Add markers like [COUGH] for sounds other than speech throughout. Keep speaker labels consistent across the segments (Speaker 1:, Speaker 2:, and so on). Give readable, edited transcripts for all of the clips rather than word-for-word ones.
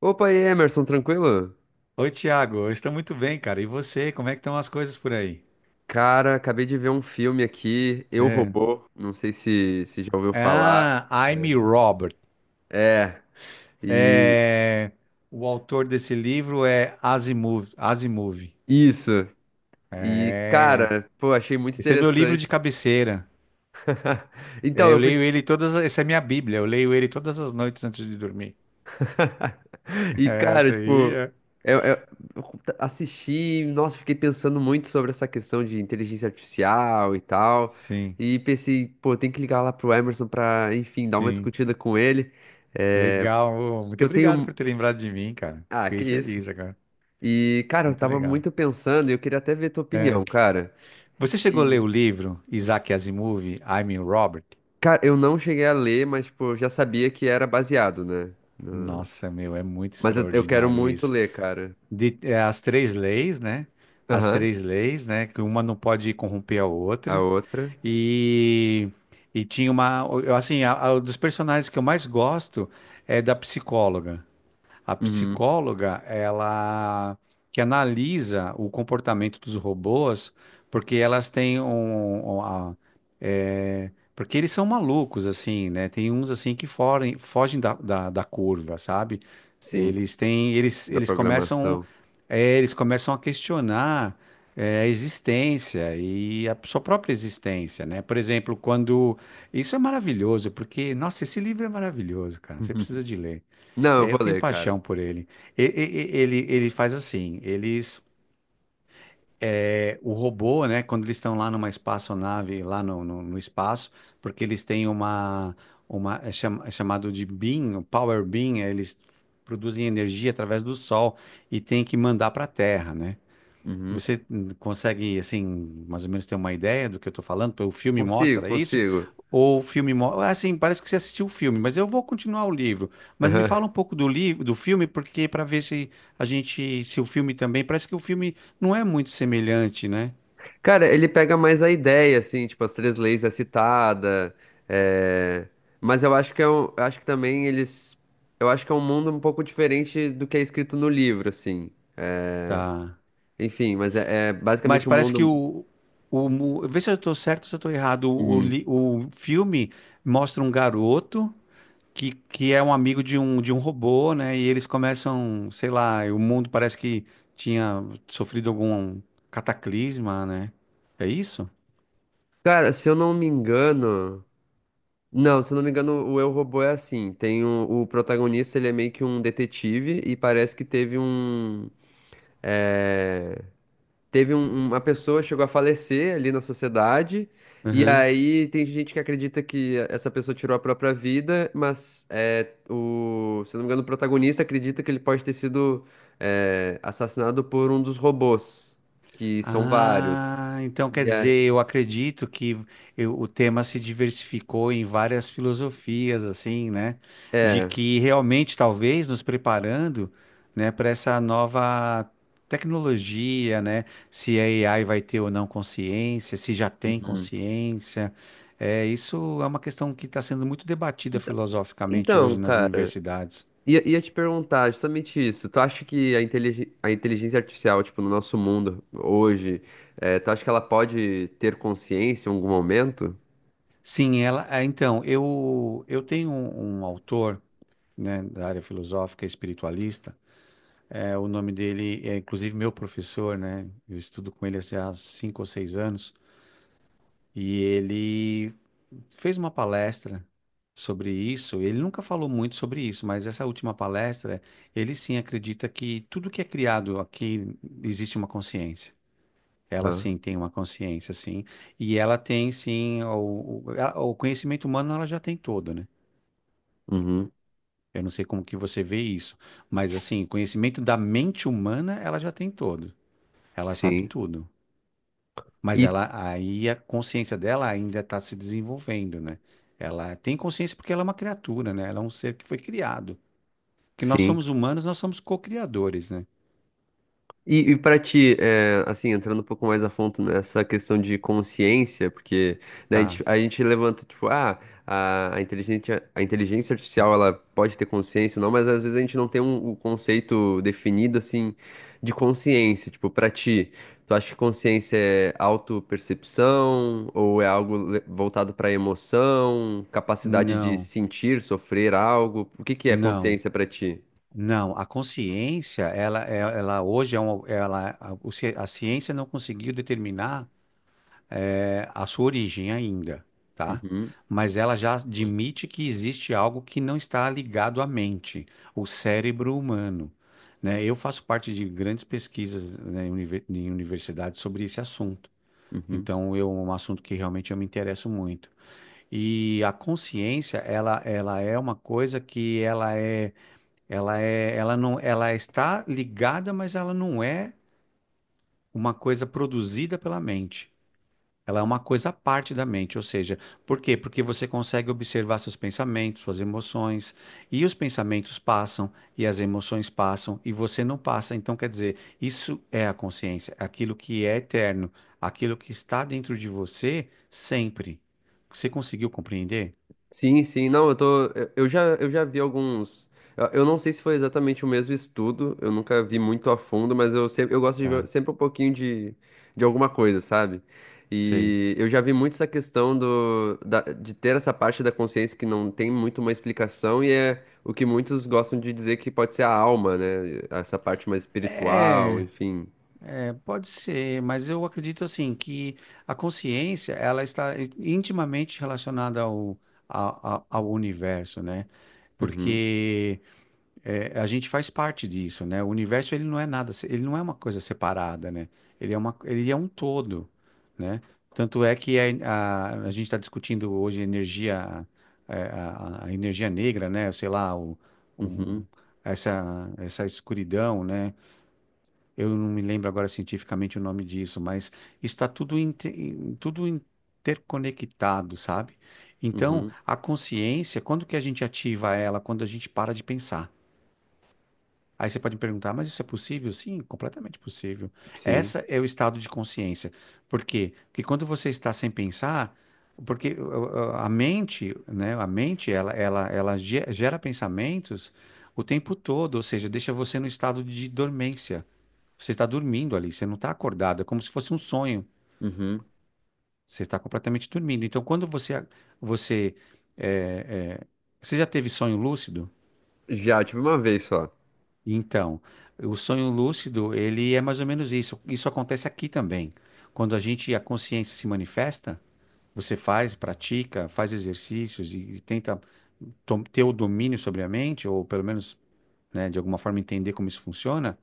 Speaker 1: Opa, e aí, Emerson, tranquilo?
Speaker 2: Oi, Thiago, eu estou muito bem, cara. E você, como é que estão as coisas por aí?
Speaker 1: Cara, acabei de ver um filme aqui, Eu,
Speaker 2: É.
Speaker 1: Robô, não sei se já ouviu falar.
Speaker 2: Ah, I'm
Speaker 1: É,
Speaker 2: Robert.
Speaker 1: é, e
Speaker 2: É, o autor desse livro é Asimov. Asimov.
Speaker 1: isso. E,
Speaker 2: É,
Speaker 1: cara, pô, achei muito
Speaker 2: esse é meu livro de
Speaker 1: interessante.
Speaker 2: cabeceira.
Speaker 1: [LAUGHS] Então,
Speaker 2: É,
Speaker 1: eu
Speaker 2: eu
Speaker 1: fui.
Speaker 2: leio ele todas. Essa é minha Bíblia. Eu leio ele todas as noites antes de dormir.
Speaker 1: [LAUGHS]
Speaker 2: [LAUGHS]
Speaker 1: E,
Speaker 2: É,
Speaker 1: cara,
Speaker 2: essa aí
Speaker 1: tipo,
Speaker 2: é.
Speaker 1: eu, eu- eu assisti, nossa, fiquei pensando muito sobre essa questão de inteligência artificial e tal.
Speaker 2: Sim,
Speaker 1: E pensei, pô, tem que ligar lá pro Emerson pra, enfim, dar uma
Speaker 2: sim.
Speaker 1: discutida com ele. É,
Speaker 2: Legal. Ô,
Speaker 1: porque
Speaker 2: muito
Speaker 1: eu
Speaker 2: obrigado
Speaker 1: tenho.
Speaker 2: por ter lembrado de mim, cara.
Speaker 1: Ah, que
Speaker 2: Fiquei
Speaker 1: isso.
Speaker 2: feliz agora.
Speaker 1: E, cara, eu
Speaker 2: Muito
Speaker 1: tava
Speaker 2: legal.
Speaker 1: muito pensando e eu queria até ver tua
Speaker 2: É.
Speaker 1: opinião, cara.
Speaker 2: Você chegou a ler
Speaker 1: Se...
Speaker 2: o livro Isaac Asimov, I'm Robert?
Speaker 1: Cara, eu não cheguei a ler, mas, tipo, eu já sabia que era baseado, né?
Speaker 2: Nossa, meu, é muito
Speaker 1: Mas eu quero
Speaker 2: extraordinário
Speaker 1: muito
Speaker 2: isso.
Speaker 1: ler, cara.
Speaker 2: As três leis, né? As
Speaker 1: Aham.
Speaker 2: três leis, né? Que uma não pode corromper a
Speaker 1: A
Speaker 2: outra.
Speaker 1: outra.
Speaker 2: E, e tinha uma. Assim, dos personagens que eu mais gosto é da psicóloga. A
Speaker 1: Uhum.
Speaker 2: psicóloga, ela que analisa o comportamento dos robôs, porque elas têm porque eles são malucos, assim, né? Tem uns, assim, que forem, fogem da, da curva, sabe?
Speaker 1: Sim,
Speaker 2: Eles têm, eles,
Speaker 1: da
Speaker 2: eles começam,
Speaker 1: programação.
Speaker 2: eles começam a questionar, a existência e a sua própria existência, né? Por exemplo, quando... Isso é maravilhoso, porque, nossa, esse livro é maravilhoso, cara. Você
Speaker 1: [LAUGHS]
Speaker 2: precisa de ler.
Speaker 1: Não, eu
Speaker 2: É, eu
Speaker 1: vou
Speaker 2: tenho
Speaker 1: ler, cara.
Speaker 2: paixão por ele. Ele faz assim, o robô, né, quando eles estão lá numa espaçonave, lá no espaço, porque eles têm uma é chamado de beam, o power beam, eles produzem energia através do sol e tem que mandar para a Terra, né?
Speaker 1: Uhum.
Speaker 2: Você consegue, assim, mais ou menos ter uma ideia do que eu tô falando? Porque o filme
Speaker 1: Consigo,
Speaker 2: mostra isso?
Speaker 1: consigo.
Speaker 2: Ou o filme mostra? Assim, parece que você assistiu o filme, mas eu vou continuar o livro. Mas me fala um
Speaker 1: [LAUGHS]
Speaker 2: pouco do livro, do filme, porque para ver se a gente, se o filme também, parece que o filme não é muito semelhante, né?
Speaker 1: Cara, ele pega mais a ideia, assim, tipo, as três leis é citada, é, mas eu acho que é um, eu acho que também eles, eu acho que é um mundo um pouco diferente do que é escrito no livro, assim.
Speaker 2: Tá.
Speaker 1: Enfim, mas é
Speaker 2: Mas
Speaker 1: basicamente um
Speaker 2: parece que
Speaker 1: mundo.
Speaker 2: vê se eu tô certo ou se eu tô errado.
Speaker 1: Uhum.
Speaker 2: O filme mostra um garoto que é um amigo de um robô, né? E eles começam, sei lá, o mundo parece que tinha sofrido algum cataclisma, né? É isso?
Speaker 1: Cara, se eu não me engano, não, se eu não me engano, o Eu Robô é assim. Tem o protagonista, ele é meio que um detetive e parece que teve um, eh, teve um, uma pessoa chegou a falecer ali na sociedade, e
Speaker 2: Aham.
Speaker 1: aí tem gente que acredita que essa pessoa tirou a própria vida, mas se eu não me engano, o protagonista acredita que ele pode ter sido assassinado por um dos robôs, que são vários.
Speaker 2: Ah, então quer
Speaker 1: E é,
Speaker 2: dizer, eu acredito que o tema se diversificou em várias filosofias, assim, né? De
Speaker 1: é.
Speaker 2: que realmente, talvez, nos preparando, né, para essa nova tecnologia, né? Se a AI vai ter ou não consciência, se já tem
Speaker 1: Uhum.
Speaker 2: consciência. É, isso é uma questão que está sendo muito debatida
Speaker 1: Enta-
Speaker 2: filosoficamente
Speaker 1: Então,
Speaker 2: hoje nas
Speaker 1: cara,
Speaker 2: universidades.
Speaker 1: ia te perguntar justamente isso. Tu acha que a inteligência artificial, tipo, no nosso mundo hoje, tu acha que ela pode ter consciência em algum momento?
Speaker 2: Sim, então, eu tenho um autor. Né, da área filosófica espiritualista. É, o nome dele é, inclusive, meu professor, né? Eu estudo com ele assim, há 5 ou 6 anos. E ele fez uma palestra sobre isso. Ele nunca falou muito sobre isso, mas essa última palestra, ele sim acredita que tudo que é criado aqui existe uma consciência. Ela
Speaker 1: Aham,
Speaker 2: sim tem uma consciência, sim. E ela tem sim o conhecimento humano, ela já tem todo, né?
Speaker 1: uhum.
Speaker 2: Eu não sei como que você vê isso, mas assim, conhecimento da mente humana, ela já tem todo. Ela sabe
Speaker 1: Sim.
Speaker 2: tudo. Mas
Speaker 1: E
Speaker 2: ela aí a consciência dela ainda está se desenvolvendo, né? Ela tem consciência porque ela é uma criatura, né? Ela é um ser que foi criado. Que nós
Speaker 1: sim.
Speaker 2: somos humanos, nós somos co-criadores, né?
Speaker 1: E para ti, é, assim, entrando um pouco mais a fundo nessa questão de consciência, porque né, a gente,
Speaker 2: Tá.
Speaker 1: a gente levanta, tipo, ah, a inteligência artificial, ela pode ter consciência ou não, mas às vezes a gente não tem um conceito definido, assim, de consciência. Tipo, para ti, tu acha que consciência é autopercepção ou é algo voltado para emoção, capacidade de
Speaker 2: Não.
Speaker 1: sentir, sofrer algo? O que que é
Speaker 2: Não.
Speaker 1: consciência para ti?
Speaker 2: Não, a consciência, ela hoje é uma, ela, a, o ci- a ciência não conseguiu determinar a sua origem ainda, tá?
Speaker 1: Uhum,
Speaker 2: Mas ela já admite que existe algo que não está ligado à mente, o cérebro humano. Né? Eu faço parte de grandes pesquisas né, em universidades sobre esse assunto.
Speaker 1: uhum.
Speaker 2: Então, é um assunto que realmente eu me interesso muito. E a consciência, ela é uma coisa que ela está ligada, mas ela não é uma coisa produzida pela mente. Ela é uma coisa à parte da mente, ou seja, por quê? Porque você consegue observar seus pensamentos, suas emoções, e os pensamentos passam, e as emoções passam, e você não passa. Então, quer dizer, isso é a consciência, é aquilo que é eterno, aquilo que está dentro de você sempre. Você conseguiu compreender?
Speaker 1: Sim, sim, não, eu tô, eu já vi alguns, eu não sei se foi exatamente o mesmo estudo, eu nunca vi muito a fundo, mas eu sempre, eu gosto de ver
Speaker 2: Tá,
Speaker 1: sempre um pouquinho de alguma coisa, sabe?
Speaker 2: sei.
Speaker 1: E eu já vi muito essa questão de ter essa parte da consciência que não tem muito uma explicação e é o que muitos gostam de dizer que pode ser a alma, né? Essa parte mais espiritual,
Speaker 2: É.
Speaker 1: enfim.
Speaker 2: Pode ser, mas eu acredito assim que a consciência ela está intimamente relacionada ao universo, né?
Speaker 1: Uhum,
Speaker 2: Porque a gente faz parte disso, né? O universo ele não é nada, ele não é uma coisa separada, né? Ele é um todo, né? Tanto é que a gente está discutindo hoje energia, é, a, energia negra, né? Sei lá, o-
Speaker 1: uhum,
Speaker 2: essa escuridão, né? Eu não me lembro agora cientificamente o nome disso, mas está tudo, tudo interconectado, sabe? Então,
Speaker 1: uhum,
Speaker 2: a consciência, quando que a gente ativa ela? Quando a gente para de pensar. Aí você pode me perguntar, mas isso é possível? Sim, completamente possível.
Speaker 1: sim,
Speaker 2: Essa é o estado de consciência. Por quê? Porque quando você está sem pensar, porque a mente, né, a mente, ela gera pensamentos o tempo todo, ou seja, deixa você no estado de dormência. Você está dormindo ali, você não está acordado, é como se fosse um sonho.
Speaker 1: uhum.
Speaker 2: Você está completamente dormindo. Então, quando você é, é, você já teve sonho lúcido?
Speaker 1: Já tive uma vez só.
Speaker 2: Então, o sonho lúcido, ele é mais ou menos isso. Isso acontece aqui também. Quando a gente, a consciência se manifesta, você faz, pratica, faz exercícios e, tenta ter o domínio sobre a mente, ou pelo menos, né, de alguma forma entender como isso funciona.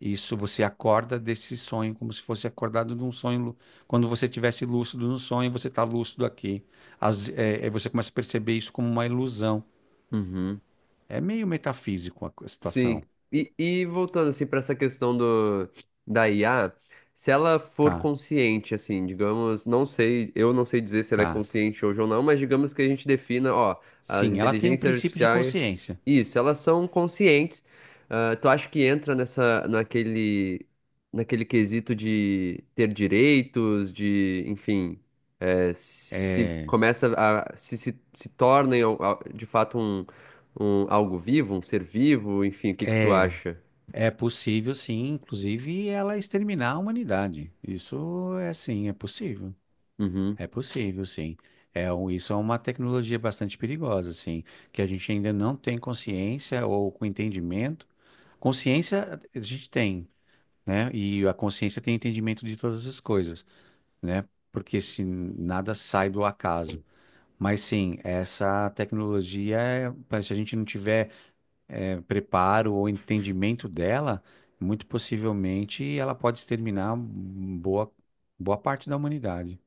Speaker 2: Isso, você acorda desse sonho, como se fosse acordado de um sonho. Quando você tivesse lúcido no sonho, você está lúcido aqui. Você começa a perceber isso como uma ilusão.
Speaker 1: Uhum.
Speaker 2: É meio metafísico a
Speaker 1: Sim.
Speaker 2: situação.
Speaker 1: E voltando assim para essa questão do da IA, se ela for
Speaker 2: Tá,
Speaker 1: consciente, assim, digamos, não sei, eu não sei dizer se ela é
Speaker 2: tá.
Speaker 1: consciente hoje ou não, mas digamos que a gente defina, ó, as
Speaker 2: Sim, ela tem um
Speaker 1: inteligências
Speaker 2: princípio de
Speaker 1: artificiais,
Speaker 2: consciência.
Speaker 1: isso, elas são conscientes. Ah, tu acha que entra nessa, naquele, naquele quesito de ter direitos, de, enfim, se
Speaker 2: É,
Speaker 1: começa a, se tornem de fato um, um, algo vivo, um ser vivo, enfim, o que que tu
Speaker 2: é,
Speaker 1: acha?
Speaker 2: é possível, sim, inclusive, ela exterminar a humanidade. Isso é sim, é possível.
Speaker 1: Uhum.
Speaker 2: É possível, sim. Isso é uma tecnologia bastante perigosa, assim, que a gente ainda não tem consciência ou com entendimento. Consciência a gente tem, né? E a consciência tem entendimento de todas as coisas, né? Porque se nada sai do acaso. Mas sim, essa tecnologia, se a gente não tiver preparo ou entendimento dela, muito possivelmente ela pode exterminar boa parte da humanidade.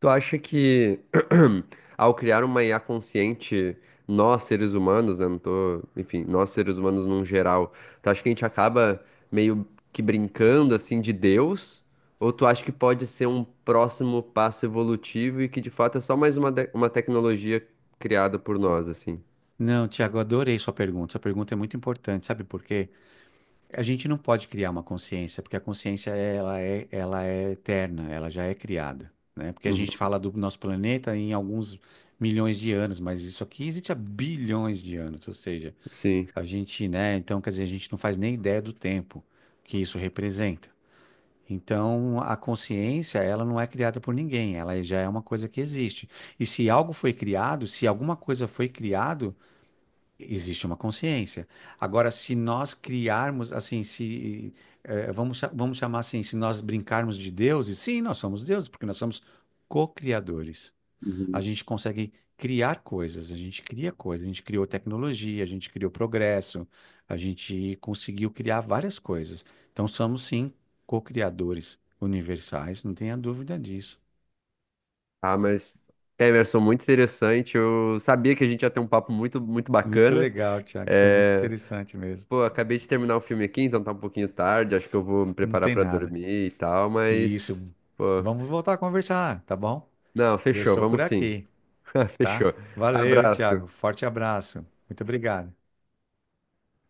Speaker 1: Tu acha que [CLEARS THROAT] ao criar uma IA consciente, nós seres humanos, né, não tô, enfim, nós seres humanos num geral, tu acha que a gente acaba meio que brincando assim de Deus? Ou tu acha que pode ser um próximo passo evolutivo e que de fato é só mais uma, uma tecnologia criada por nós, assim?
Speaker 2: Não, Tiago, adorei sua pergunta. Sua pergunta é muito importante, sabe por quê? A gente não pode criar uma consciência, porque a consciência ela é eterna, ela já é criada, né? Porque a gente
Speaker 1: Uhum.
Speaker 2: fala do nosso planeta em alguns milhões de anos, mas isso aqui existe há bilhões de anos, ou seja,
Speaker 1: Sim.
Speaker 2: a gente, né? Então, quer dizer, a gente não faz nem ideia do tempo que isso representa. Então, a consciência, ela não é criada por ninguém, ela já é uma coisa que existe. E se algo foi criado, se alguma coisa foi criada, existe uma consciência. Agora, se nós criarmos, assim, se, vamos chamar assim, se nós brincarmos de deuses, sim, nós somos deuses, porque nós somos co-criadores. A gente consegue criar coisas, a gente cria coisas, a gente criou tecnologia, a gente criou progresso, a gente conseguiu criar várias coisas. Então, somos, sim, co-criadores universais, não tenha dúvida disso.
Speaker 1: Ah, mas Emerson, muito interessante. Eu sabia que a gente ia ter um papo muito, muito
Speaker 2: Muito
Speaker 1: bacana.
Speaker 2: legal, Tiago, foi muito
Speaker 1: É,
Speaker 2: interessante mesmo.
Speaker 1: pô, acabei de terminar o filme aqui, então tá um pouquinho tarde. Acho que eu vou me
Speaker 2: Não
Speaker 1: preparar
Speaker 2: tem
Speaker 1: pra
Speaker 2: nada.
Speaker 1: dormir e tal, mas.
Speaker 2: Isso.
Speaker 1: Pô.
Speaker 2: Vamos voltar a conversar, tá bom?
Speaker 1: Não,
Speaker 2: Eu
Speaker 1: fechou,
Speaker 2: estou por
Speaker 1: vamos sim.
Speaker 2: aqui,
Speaker 1: [LAUGHS]
Speaker 2: tá?
Speaker 1: Fechou.
Speaker 2: Valeu,
Speaker 1: Abraço.
Speaker 2: Thiago. Forte abraço. Muito obrigado.